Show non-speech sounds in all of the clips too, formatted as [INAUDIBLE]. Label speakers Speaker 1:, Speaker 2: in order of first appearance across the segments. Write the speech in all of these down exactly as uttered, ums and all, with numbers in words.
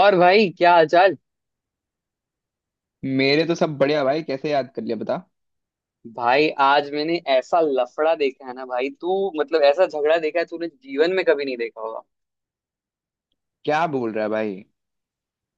Speaker 1: और भाई, क्या हालचाल।
Speaker 2: मेरे तो सब बढ़िया भाई। कैसे याद कर लिया बता।
Speaker 1: भाई आज मैंने ऐसा लफड़ा देखा है ना, भाई तू, मतलब ऐसा झगड़ा देखा है तूने जीवन में कभी नहीं देखा होगा।
Speaker 2: क्या बोल रहा है भाई?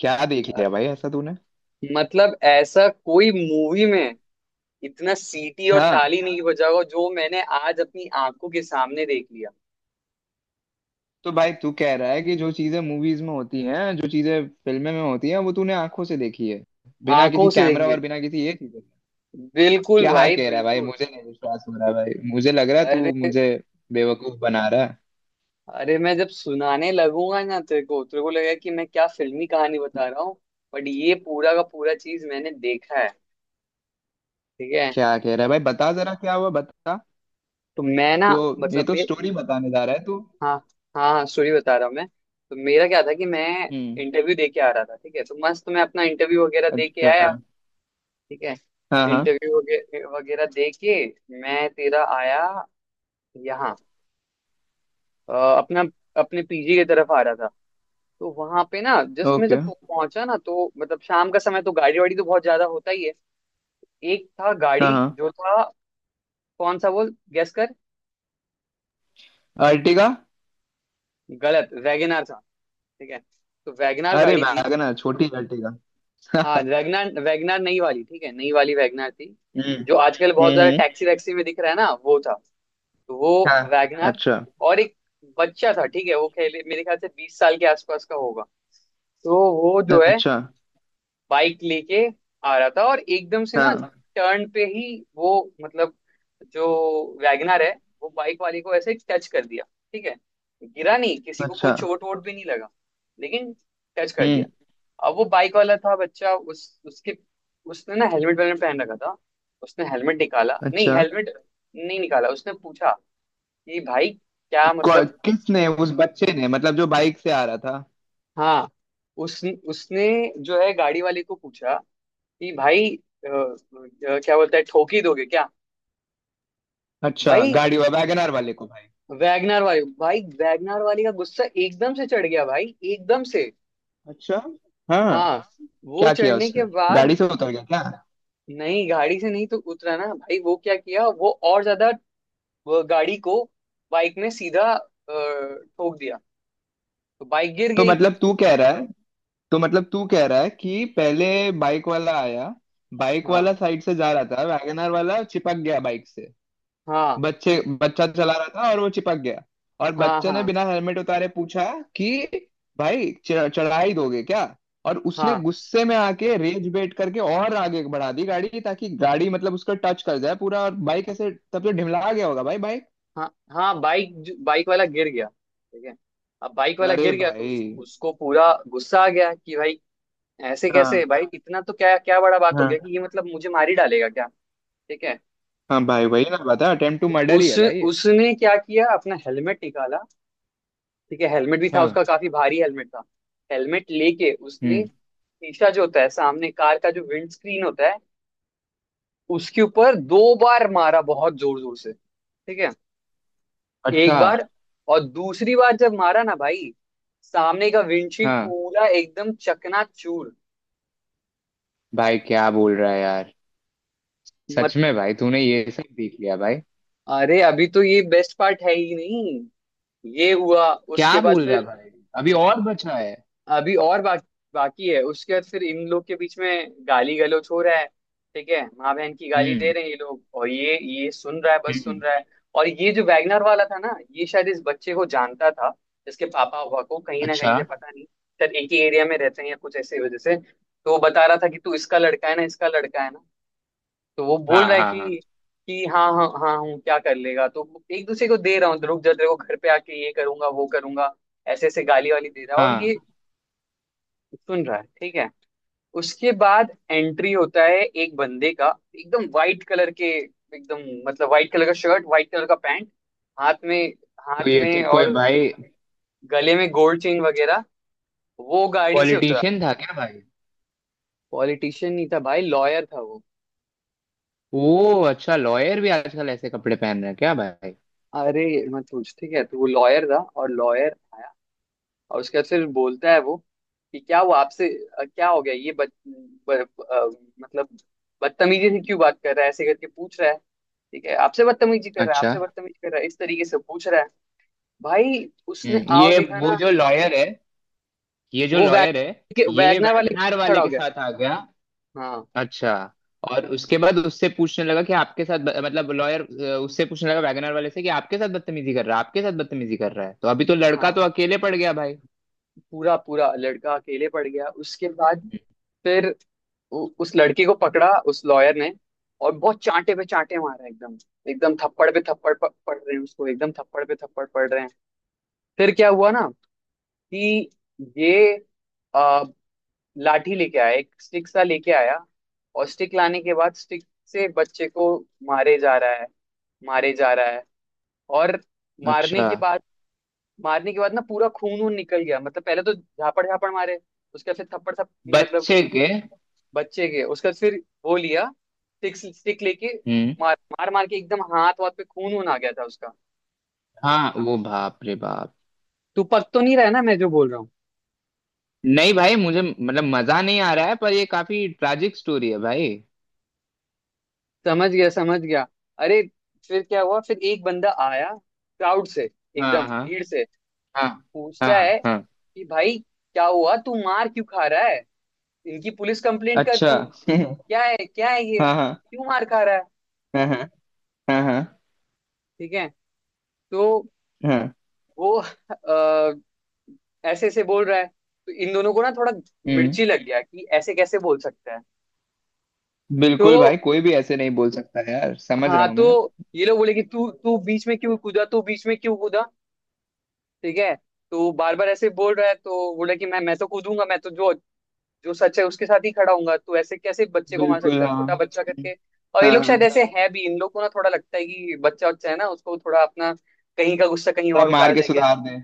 Speaker 2: क्या देख
Speaker 1: अ,
Speaker 2: लिया भाई ऐसा तूने?
Speaker 1: मतलब ऐसा कोई मूवी में इतना सीटी और
Speaker 2: हाँ,
Speaker 1: ताली नहीं बजा होगा जो मैंने आज अपनी आंखों के सामने देख लिया।
Speaker 2: तो भाई तू कह रहा है कि जो चीजें मूवीज में होती हैं, जो चीजें फिल्में में होती हैं, वो तूने आंखों से देखी है, बिना किसी
Speaker 1: आंखों से देख
Speaker 2: कैमरा
Speaker 1: लिया,
Speaker 2: और बिना किसी ये चीजें।
Speaker 1: बिल्कुल
Speaker 2: क्या
Speaker 1: भाई,
Speaker 2: कह रहा है भाई?
Speaker 1: बिल्कुल।
Speaker 2: मुझे नहीं विश्वास हो रहा है भाई। मुझे लग रहा है तू
Speaker 1: अरे
Speaker 2: मुझे बेवकूफ बना रहा है।
Speaker 1: अरे, मैं जब सुनाने लगूंगा ना तेरे को तेरे को लगेगा कि मैं क्या फिल्मी कहानी बता रहा हूँ। बट ये पूरा का पूरा चीज मैंने देखा है। ठीक है।
Speaker 2: क्या कह रहा है भाई? बता जरा, क्या हुआ बता।
Speaker 1: तो मैं ना,
Speaker 2: तो ये
Speaker 1: मतलब
Speaker 2: तो
Speaker 1: मैं,
Speaker 2: स्टोरी बताने जा रहा है तू।
Speaker 1: हाँ हाँ हाँ, सॉरी बता रहा हूँ मैं। तो मेरा क्या था कि मैं
Speaker 2: हम्म।
Speaker 1: इंटरव्यू दे के आ रहा था। ठीक है, तो मस्त मैं अपना इंटरव्यू वगैरह दे के
Speaker 2: अच्छा।
Speaker 1: आया। ठीक है।
Speaker 2: हाँ हाँ।
Speaker 1: इंटरव्यू वगैरह वगैरह दे के मैं तेरा आया यहाँ। अ, अपना अपने पीजी की तरफ आ रहा था। तो वहां पे ना, जस्ट मैं जब
Speaker 2: ओके।
Speaker 1: पह- पहुंचा ना, तो मतलब शाम का समय, तो गाड़ी वाड़ी तो बहुत ज्यादा होता ही है। एक था
Speaker 2: हाँ
Speaker 1: गाड़ी
Speaker 2: हाँ।
Speaker 1: जो था, कौन सा वो? गैस कर।
Speaker 2: अर्टिगा।
Speaker 1: गलत, वैगनार था। ठीक है, तो वैगनार
Speaker 2: अरे
Speaker 1: गाड़ी थी।
Speaker 2: वैगनर, छोटी अर्टिगा।
Speaker 1: हाँ,
Speaker 2: [LAUGHS]
Speaker 1: वैगनार वैगनार नई वाली, ठीक है, नई वाली वैगनार थी।
Speaker 2: हम्म।
Speaker 1: जो आजकल बहुत ज्यादा
Speaker 2: हम्म।
Speaker 1: टैक्सी वैक्सी में दिख रहा है ना, वो था। तो वो
Speaker 2: हाँ।
Speaker 1: वैगनार।
Speaker 2: अच्छा।
Speaker 1: और एक बच्चा था, ठीक है, वो खेले मेरे ख्याल से बीस साल के आसपास का होगा। तो वो जो है
Speaker 2: अच्छा।
Speaker 1: बाइक लेके आ रहा था, और एकदम से ना
Speaker 2: हाँ।
Speaker 1: टर्न पे ही वो, मतलब जो वैगनर है, वो बाइक वाले को ऐसे टच कर दिया। ठीक है। गिरा नहीं, किसी को कोई
Speaker 2: अच्छा।
Speaker 1: चोट वोट भी नहीं लगा, लेकिन टच कर
Speaker 2: हम्म।
Speaker 1: दिया। अब वो बाइक वाला था बच्चा, उस उसके उसने ना हेलमेट वेलमेट पहन रखा था। उसने हेलमेट निकाला नहीं,
Speaker 2: अच्छा।
Speaker 1: हेलमेट नहीं निकाला। उसने पूछा कि भाई, क्या
Speaker 2: कौ-
Speaker 1: मतलब।
Speaker 2: किसने? उस बच्चे ने मतलब, जो बाइक से आ रहा था?
Speaker 1: हाँ, उस उसने जो है गाड़ी वाले को पूछा कि भाई, अ, अ, क्या बोलता है, ठोक ही दोगे क्या?
Speaker 2: अच्छा,
Speaker 1: भाई
Speaker 2: गाड़ी वैगनर वाले को भाई?
Speaker 1: वैगनर वाली, भाई वैगनर वाली का गुस्सा एकदम से चढ़ गया भाई, एकदम से।
Speaker 2: अच्छा। हाँ।
Speaker 1: हाँ, वो
Speaker 2: क्या किया
Speaker 1: चढ़ने
Speaker 2: उसने?
Speaker 1: के बाद।
Speaker 2: गाड़ी से उतर गया क्या?
Speaker 1: नहीं, गाड़ी से नहीं तो उतरा ना भाई, वो क्या किया, वो और ज्यादा वो गाड़ी को बाइक में सीधा अ, ठोक दिया। तो बाइक गिर
Speaker 2: तो
Speaker 1: गई।
Speaker 2: मतलब तू कह रहा है, तो मतलब तू कह रहा है कि पहले बाइक वाला आया, बाइक
Speaker 1: हाँ
Speaker 2: वाला साइड से जा रहा था, वैगनर वाला चिपक गया बाइक से।
Speaker 1: हाँ,
Speaker 2: बच्चे बच्चा चला रहा था और वो चिपक गया। और
Speaker 1: हाँ
Speaker 2: बच्चे ने
Speaker 1: हाँ
Speaker 2: बिना हेलमेट उतारे पूछा कि भाई च- चढ़ाई दोगे क्या? और उसने
Speaker 1: हाँ
Speaker 2: गुस्से में आके रेज बेट करके और आगे बढ़ा दी गाड़ी, ताकि गाड़ी मतलब उसका टच कर जाए पूरा, और बाइक ऐसे तब तो ढिमला गया होगा भाई बाइक।
Speaker 1: हाँ, हाँ बाइक बाइक वाला गिर गया। ठीक है। अब बाइक वाला
Speaker 2: अरे
Speaker 1: गिर गया तो उस,
Speaker 2: भाई।
Speaker 1: उसको पूरा गुस्सा आ गया कि भाई, ऐसे कैसे
Speaker 2: हाँ
Speaker 1: भाई, इतना तो क्या, क्या बड़ा बात हो
Speaker 2: हाँ।
Speaker 1: गया कि ये मतलब मुझे मार ही डालेगा क्या? ठीक है।
Speaker 2: हाँ भाई, वही ना बता, अटेम्प्ट टू मर्डर ही
Speaker 1: उस
Speaker 2: है भाई ये।
Speaker 1: उसने क्या किया, अपना हेलमेट निकाला। ठीक है, हेलमेट भी था
Speaker 2: हाँ।
Speaker 1: उसका, काफी भारी हेलमेट था। हेलमेट लेके उसने
Speaker 2: हम्म।
Speaker 1: शीशा जो होता है सामने कार का, जो विंड स्क्रीन होता है, उसके ऊपर दो बार मारा, बहुत जोर जोर से। ठीक है। एक
Speaker 2: अच्छा।
Speaker 1: बार, और दूसरी बार जब मारा ना भाई, सामने का विंडशील्ड
Speaker 2: हाँ
Speaker 1: पूरा एकदम चकनाचूर।
Speaker 2: भाई, क्या बोल रहा है यार? सच
Speaker 1: मत,
Speaker 2: में भाई, तूने ये सब देख लिया भाई?
Speaker 1: अरे अभी तो ये बेस्ट पार्ट है ही नहीं। ये हुआ
Speaker 2: क्या
Speaker 1: उसके बाद
Speaker 2: बोल रहा है
Speaker 1: फिर,
Speaker 2: भाई? अभी और बचा है?
Speaker 1: अभी और बाकी, बाकी है। उसके बाद फिर इन लोग के बीच में गाली गलौज हो रहा है। ठीक है, माँ बहन की गाली दे
Speaker 2: हम्म।
Speaker 1: रहे हैं ये लोग, और ये ये सुन रहा है, बस सुन
Speaker 2: हम्म।
Speaker 1: रहा है। और ये जो वैगनर वाला था ना, ये शायद इस बच्चे को जानता था, इसके पापा हुआ को कहीं ना
Speaker 2: अच्छा।
Speaker 1: कहीं से, पता नहीं, शायद एक ही एरिया में रहते हैं या कुछ ऐसी वजह से। तो वो बता रहा था कि तू इसका लड़का है ना, इसका लड़का है ना। तो वो बोल
Speaker 2: हाँ
Speaker 1: रहा है
Speaker 2: हाँ हाँ।
Speaker 1: कि, कि हाँ हाँ हाँ हूँ, क्या कर लेगा, तो एक दूसरे को दे रहा हूँ, रुक जा, तेरे को घर पे आके ये करूंगा वो करूंगा। ऐसे ऐसे गाली वाली दे रहा है, और
Speaker 2: हाँ,
Speaker 1: ये सुन रहा है। ठीक है। उसके बाद एंट्री होता है एक बंदे का। एकदम वाइट कलर के, एकदम, मतलब वाइट कलर का शर्ट, वाइट कलर का पैंट, हाथ में,
Speaker 2: तो
Speaker 1: हाथ
Speaker 2: ये तो
Speaker 1: में,
Speaker 2: कोई
Speaker 1: और
Speaker 2: भाई
Speaker 1: गले में गोल्ड चेन वगैरह। वो गाड़ी से उतरा।
Speaker 2: पॉलिटिशियन था क्या भाई?
Speaker 1: पॉलिटिशियन नहीं था भाई, लॉयर था वो।
Speaker 2: वो अच्छा, लॉयर भी आजकल ऐसे कपड़े पहन रहे हैं क्या भाई?
Speaker 1: अरे मत पूछ। ठीक है, तो वो लॉयर था, और लॉयर, और उसके बाद फिर बोलता है वो कि क्या हुआ आपसे, अ, क्या हो गया ये, बद, ब, अ, मतलब बदतमीजी से क्यों बात कर रहा है, ऐसे करके पूछ रहा है। ठीक है, आपसे बदतमीजी कर रहा है,
Speaker 2: अच्छा।
Speaker 1: आपसे बदतमीजी कर रहा है, इस तरीके से पूछ रहा है। भाई उसने
Speaker 2: हम्म,
Speaker 1: आओ
Speaker 2: ये
Speaker 1: देखा
Speaker 2: वो
Speaker 1: ना,
Speaker 2: जो लॉयर है, ये जो
Speaker 1: वो वैग
Speaker 2: लॉयर है,
Speaker 1: के
Speaker 2: ये
Speaker 1: वैगना वाले
Speaker 2: वैगनार
Speaker 1: के
Speaker 2: वाले
Speaker 1: खड़ा हो
Speaker 2: के
Speaker 1: गया।
Speaker 2: साथ आ गया?
Speaker 1: हाँ
Speaker 2: अच्छा। और उसके बाद उससे पूछने लगा कि आपके साथ ब- मतलब लॉयर उससे पूछने लगा वैगनर वाले से कि आपके साथ बदतमीजी कर रहा है, आपके साथ बदतमीजी कर रहा है? तो अभी तो लड़का
Speaker 1: हाँ,
Speaker 2: तो अकेले पड़ गया भाई।
Speaker 1: पूरा पूरा लड़का अकेले पड़ गया उसके बाद, फिर उ- उस लड़के को पकड़ा उस लॉयर ने, और बहुत चांटे पे चांटे मारा एकदम, एकदम थप्पड़ पे थप्पड़ प- पड़ रहे हैं उसको, एकदम थप्पड़ पे थप्पड़ पड़ रहे हैं। फिर क्या हुआ ना कि ये, आ, लाठी लेके आया, एक स्टिक सा लेके आया, और स्टिक लाने के बाद स्टिक से बच्चे को मारे जा रहा है, मारे जा रहा है। और मारने
Speaker 2: अच्छा।
Speaker 1: के बाद, मारने के बाद ना पूरा खून वून निकल गया, मतलब पहले तो झापड़ झापड़ मारे, उसके बाद फिर थप्पड़ थप मतलब
Speaker 2: बच्चे के?
Speaker 1: बच्चे के, उसके बाद फिर वो लिया स्टिक, स्टिक लेके
Speaker 2: हम्म।
Speaker 1: मार मार मार के, एकदम हाथ वाथ पे खून वून आ गया था उसका।
Speaker 2: हाँ वो, बाप रे बाप।
Speaker 1: तू पक तो नहीं रहा है ना, मैं जो बोल रहा हूँ?
Speaker 2: नहीं भाई, मुझे मतलब मजा नहीं आ रहा है, पर ये काफी ट्रैजिक स्टोरी है भाई।
Speaker 1: समझ गया, समझ गया। अरे, फिर क्या हुआ, फिर एक बंदा आया क्राउड से,
Speaker 2: हाँ
Speaker 1: एकदम
Speaker 2: हाँ।
Speaker 1: भीड़ से।
Speaker 2: हाँ हाँ।
Speaker 1: पूछता है
Speaker 2: हाँ।
Speaker 1: कि भाई क्या हुआ, तू मार क्यों खा रहा है, इनकी पुलिस कंप्लेंट कर
Speaker 2: अच्छा।
Speaker 1: तू,
Speaker 2: [LAUGHS]
Speaker 1: क्या है क्या है ये,
Speaker 2: हाँ हाँ।
Speaker 1: क्यों मार खा रहा है।
Speaker 2: हाँ हाँ। हाँ हाँ।
Speaker 1: ठीक है। तो
Speaker 2: हाँ।
Speaker 1: वो अ, ऐसे ऐसे बोल रहा है, तो इन दोनों को ना थोड़ा
Speaker 2: हम्म।
Speaker 1: मिर्ची लग गया कि ऐसे कैसे बोल सकता है। तो,
Speaker 2: बिल्कुल भाई, कोई भी ऐसे नहीं बोल सकता यार, समझ रहा
Speaker 1: हाँ
Speaker 2: हूँ मैं।
Speaker 1: तो, ये लोग बोले कि तू तू बीच में क्यों कूदा, तू बीच में क्यों कूदा। ठीक है। तो बार बार ऐसे बोल रहा है, तो बोला कि मैं मैं तो कूदूंगा, मैं तो जो जो सच है उसके साथ ही खड़ा हूंगा, तो ऐसे कैसे बच्चे को मान
Speaker 2: बिल्कुल।
Speaker 1: सकता है, छोटा
Speaker 2: हाँ।
Speaker 1: बच्चा करके। और ये
Speaker 2: हाँ
Speaker 1: लोग शायद
Speaker 2: हाँ।
Speaker 1: ऐसे है भी, इन लोग को ना थोड़ा लगता है कि बच्चा बच्चा है ना, उसको थोड़ा अपना कहीं का गुस्सा कहीं
Speaker 2: थोड़ा
Speaker 1: और
Speaker 2: मार
Speaker 1: उतार
Speaker 2: के
Speaker 1: देंगे।
Speaker 2: सुधार दे।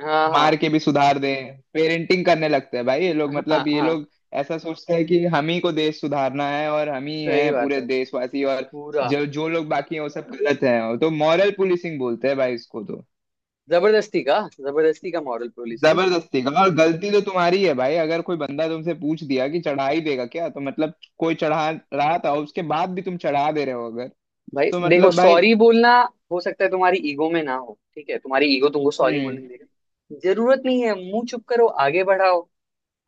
Speaker 1: हाँ
Speaker 2: मार
Speaker 1: हाँ
Speaker 2: के भी सुधार दें, पेरेंटिंग करने लगते हैं भाई ये लोग।
Speaker 1: हाँ
Speaker 2: मतलब ये
Speaker 1: हाँ,
Speaker 2: लोग ऐसा सोचते हैं कि हम ही को देश सुधारना है, और हम ही
Speaker 1: सही
Speaker 2: हैं
Speaker 1: बात
Speaker 2: पूरे
Speaker 1: है।
Speaker 2: देशवासी, और
Speaker 1: पूरा
Speaker 2: जो जो लोग बाकी हैं वो सब गलत हैं। तो मॉरल पुलिसिंग बोलते हैं भाई इसको तो।
Speaker 1: जबरदस्ती का, जबरदस्ती का मॉरल पोलिसिंग।
Speaker 2: जबरदस्ती का। और गलती तो तुम्हारी है भाई। अगर कोई बंदा तुमसे पूछ दिया कि चढ़ाई देगा क्या, तो मतलब कोई चढ़ा रहा था, उसके बाद भी तुम चढ़ा दे रहे हो अगर,
Speaker 1: भाई
Speaker 2: तो
Speaker 1: देखो,
Speaker 2: मतलब भाई।
Speaker 1: सॉरी बोलना हो सकता है तुम्हारी ईगो में ना हो, ठीक है, तुम्हारी ईगो तुमको सॉरी
Speaker 2: हम्म।
Speaker 1: बोलने देगा, जरूरत नहीं है, मुंह चुप करो आगे बढ़ाओ,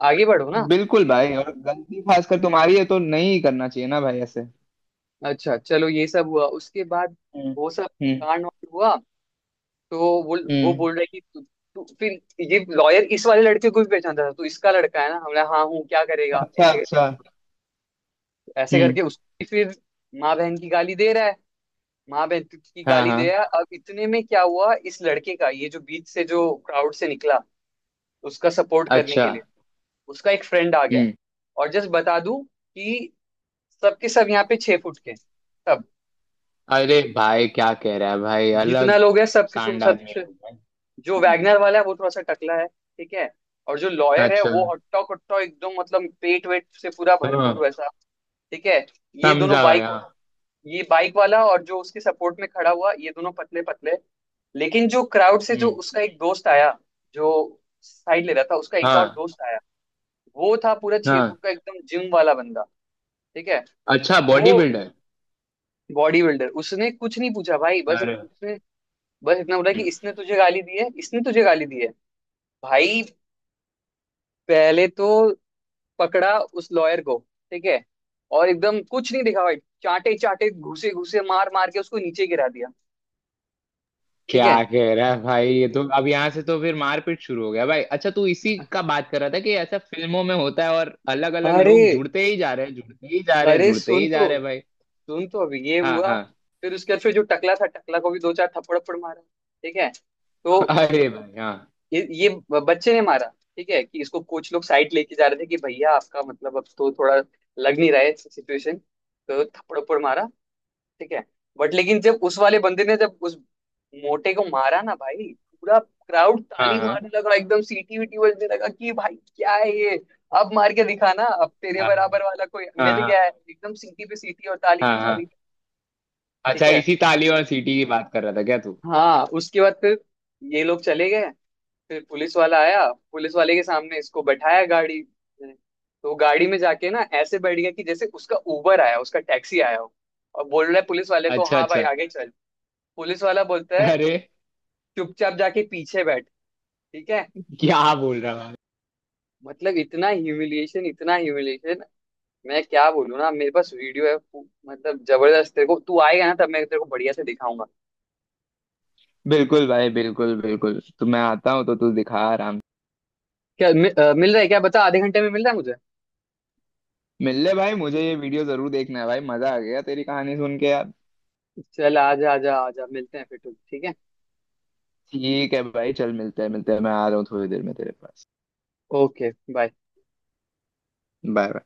Speaker 1: आगे बढ़ो ना
Speaker 2: बिल्कुल
Speaker 1: सीधे।
Speaker 2: भाई, और गलती खासकर तुम्हारी है तो नहीं करना चाहिए ना भाई ऐसे।
Speaker 1: अच्छा चलो, ये सब हुआ उसके बाद,
Speaker 2: हम्म।
Speaker 1: वो सब
Speaker 2: हम्म।
Speaker 1: कांड वांड हुआ। तो वो वो
Speaker 2: हम्म।
Speaker 1: बोल रहा है कि तू, तू फिर ये लॉयर इस वाले लड़के को भी पहचानता था, तो इसका लड़का है ना, हमने, हाँ हूँ क्या करेगा
Speaker 2: अच्छा।
Speaker 1: ऐसे करके,
Speaker 2: अच्छा।
Speaker 1: ऐसे
Speaker 2: हम्म।
Speaker 1: करके उसकी फिर माँ बहन की गाली दे रहा है, माँ बहन की
Speaker 2: हाँ
Speaker 1: गाली
Speaker 2: हाँ।
Speaker 1: दे रहा है। अब इतने में क्या हुआ इस लड़के का, ये जो बीच से, जो क्राउड से निकला उसका सपोर्ट करने
Speaker 2: अच्छा।
Speaker 1: के लिए, उसका एक फ्रेंड आ गया।
Speaker 2: हम्म।
Speaker 1: और जस्ट बता दूं कि सबके सब यहाँ पे छह फुट के हैं, सब
Speaker 2: अरे भाई, क्या कह रहा है भाई?
Speaker 1: जितना
Speaker 2: अलग
Speaker 1: लोग है। सब कुछ
Speaker 2: सांड
Speaker 1: सब
Speaker 2: आदमी
Speaker 1: कुछ-
Speaker 2: लोग हैं।
Speaker 1: जो
Speaker 2: हम्म।
Speaker 1: वैगनर वाला है वो थोड़ा सा टकला है, ठीक है, और जो लॉयर है
Speaker 2: अच्छा।
Speaker 1: वो हट्टा कट्टा एकदम, मतलब पेट वेट से पूरा भरपूर,
Speaker 2: हाँ।
Speaker 1: वैसा। ठीक है। ये दोनों
Speaker 2: समझा भाई,
Speaker 1: बाइक,
Speaker 2: हाँ।
Speaker 1: ये बाइक वाला और जो उसके सपोर्ट में खड़ा हुआ, ये दोनों पतले पतले। लेकिन जो क्राउड से जो
Speaker 2: हम्म।
Speaker 1: उसका एक दोस्त आया, जो साइड ले रहा था, उसका एक और
Speaker 2: हाँ।
Speaker 1: दोस्त आया, वो था पूरा छह
Speaker 2: हाँ।
Speaker 1: फुट का, एकदम जिम वाला बंदा। ठीक है,
Speaker 2: अच्छा, बॉडी
Speaker 1: वो
Speaker 2: बिल्डर।
Speaker 1: बॉडी बिल्डर उसने कुछ नहीं पूछा भाई, बस
Speaker 2: अरे।
Speaker 1: उसने, बस इतना बोला
Speaker 2: हम्म।
Speaker 1: कि इसने तुझे गाली दी है, इसने तुझे गाली दी है। भाई पहले तो पकड़ा उस लॉयर को, ठीक है, और एकदम कुछ नहीं दिखा भाई, चाटे चाटे घुसे घुसे मार मार के उसको नीचे गिरा दिया। ठीक
Speaker 2: क्या
Speaker 1: है।
Speaker 2: कह रहा है भाई? ये तो अब यहाँ से तो फिर मारपीट शुरू हो गया भाई। अच्छा, तू इसी का बात कर रहा था कि ऐसा फिल्मों में होता है, और अलग अलग
Speaker 1: अरे
Speaker 2: लोग जुड़ते ही जा रहे हैं, जुड़ते ही जा रहे हैं,
Speaker 1: अरे,
Speaker 2: जुड़ते
Speaker 1: सुन
Speaker 2: ही जा
Speaker 1: तो,
Speaker 2: रहे हैं भाई।
Speaker 1: सुन तो, अभी ये
Speaker 2: हाँ
Speaker 1: हुआ।
Speaker 2: हाँ।
Speaker 1: फिर उसके बाद फिर जो टकला था, टकला को भी दो चार थप्पड़ थप्पड़ मारा। ठीक है।
Speaker 2: [LAUGHS]
Speaker 1: तो
Speaker 2: अरे भाई, हाँ।
Speaker 1: ये ये ब- बच्चे ने मारा। ठीक है कि इसको कोच लोग साइड लेके जा रहे थे कि भैया आपका, मतलब अब तो थोड़ा लग नहीं रहा है सिचुएशन, तो थप्पड़ थप्पड़ मारा। ठीक है। बट लेकिन जब उस वाले बंदे ने, जब उस मोटे को मारा ना भाई, पूरा क्राउड
Speaker 2: हाँ
Speaker 1: ताली
Speaker 2: हाँ।
Speaker 1: मारने लगा, एकदम सीटी वीटी बजने लगा कि भाई क्या है ये, अब मार के दिखा ना, अब तेरे
Speaker 2: हाँ
Speaker 1: बराबर वाला कोई मिल
Speaker 2: हाँ।
Speaker 1: गया है, एकदम सीटी पे सीटी और ताली पे
Speaker 2: हाँ हाँ।
Speaker 1: ताली।
Speaker 2: अच्छा,
Speaker 1: ठीक है।
Speaker 2: इसी ताली और सीटी की बात कर रहा था क्या तू?
Speaker 1: हाँ, उसके बाद फिर ये लोग चले गए, फिर पुलिस वाला आया, पुलिस वाले के सामने इसको बैठाया गाड़ी में। तो गाड़ी में जाके ना ऐसे बैठ गया कि जैसे उसका उबर आया, उसका टैक्सी आया हो, और बोल रहा है पुलिस वाले को,
Speaker 2: अच्छा।
Speaker 1: हाँ भाई
Speaker 2: अच्छा।
Speaker 1: आगे चल। पुलिस वाला बोलता है,
Speaker 2: अरे,
Speaker 1: चुपचाप जाके पीछे बैठ। ठीक है।
Speaker 2: क्या बोल रहा है?
Speaker 1: मतलब इतना ह्यूमिलिएशन, इतना ह्यूमिलिएशन, मैं क्या बोलूँ ना, मेरे पास वीडियो है, पू- मतलब जबरदस्त, तेरे को, तू आएगा ना तब मैं तेरे को बढ़िया से दिखाऊंगा।
Speaker 2: बिल्कुल भाई, बिल्कुल बिल्कुल। तो मैं आता हूँ तो तू दिखा आराम
Speaker 1: क्या मि, अ, मिल रहा है, क्या बता, आधे घंटे में मिल रहा है मुझे?
Speaker 2: से। मिल ले भाई, मुझे ये वीडियो जरूर देखना है भाई। मजा आ गया तेरी कहानी सुन के यार।
Speaker 1: चल आजा आजा आजा, मिलते हैं फिर। ठीक है,
Speaker 2: ठीक है भाई, चल मिलते हैं, मिलते हैं। मैं आ रहा हूँ थोड़ी देर में तेरे पास।
Speaker 1: Okay bye.
Speaker 2: बाय।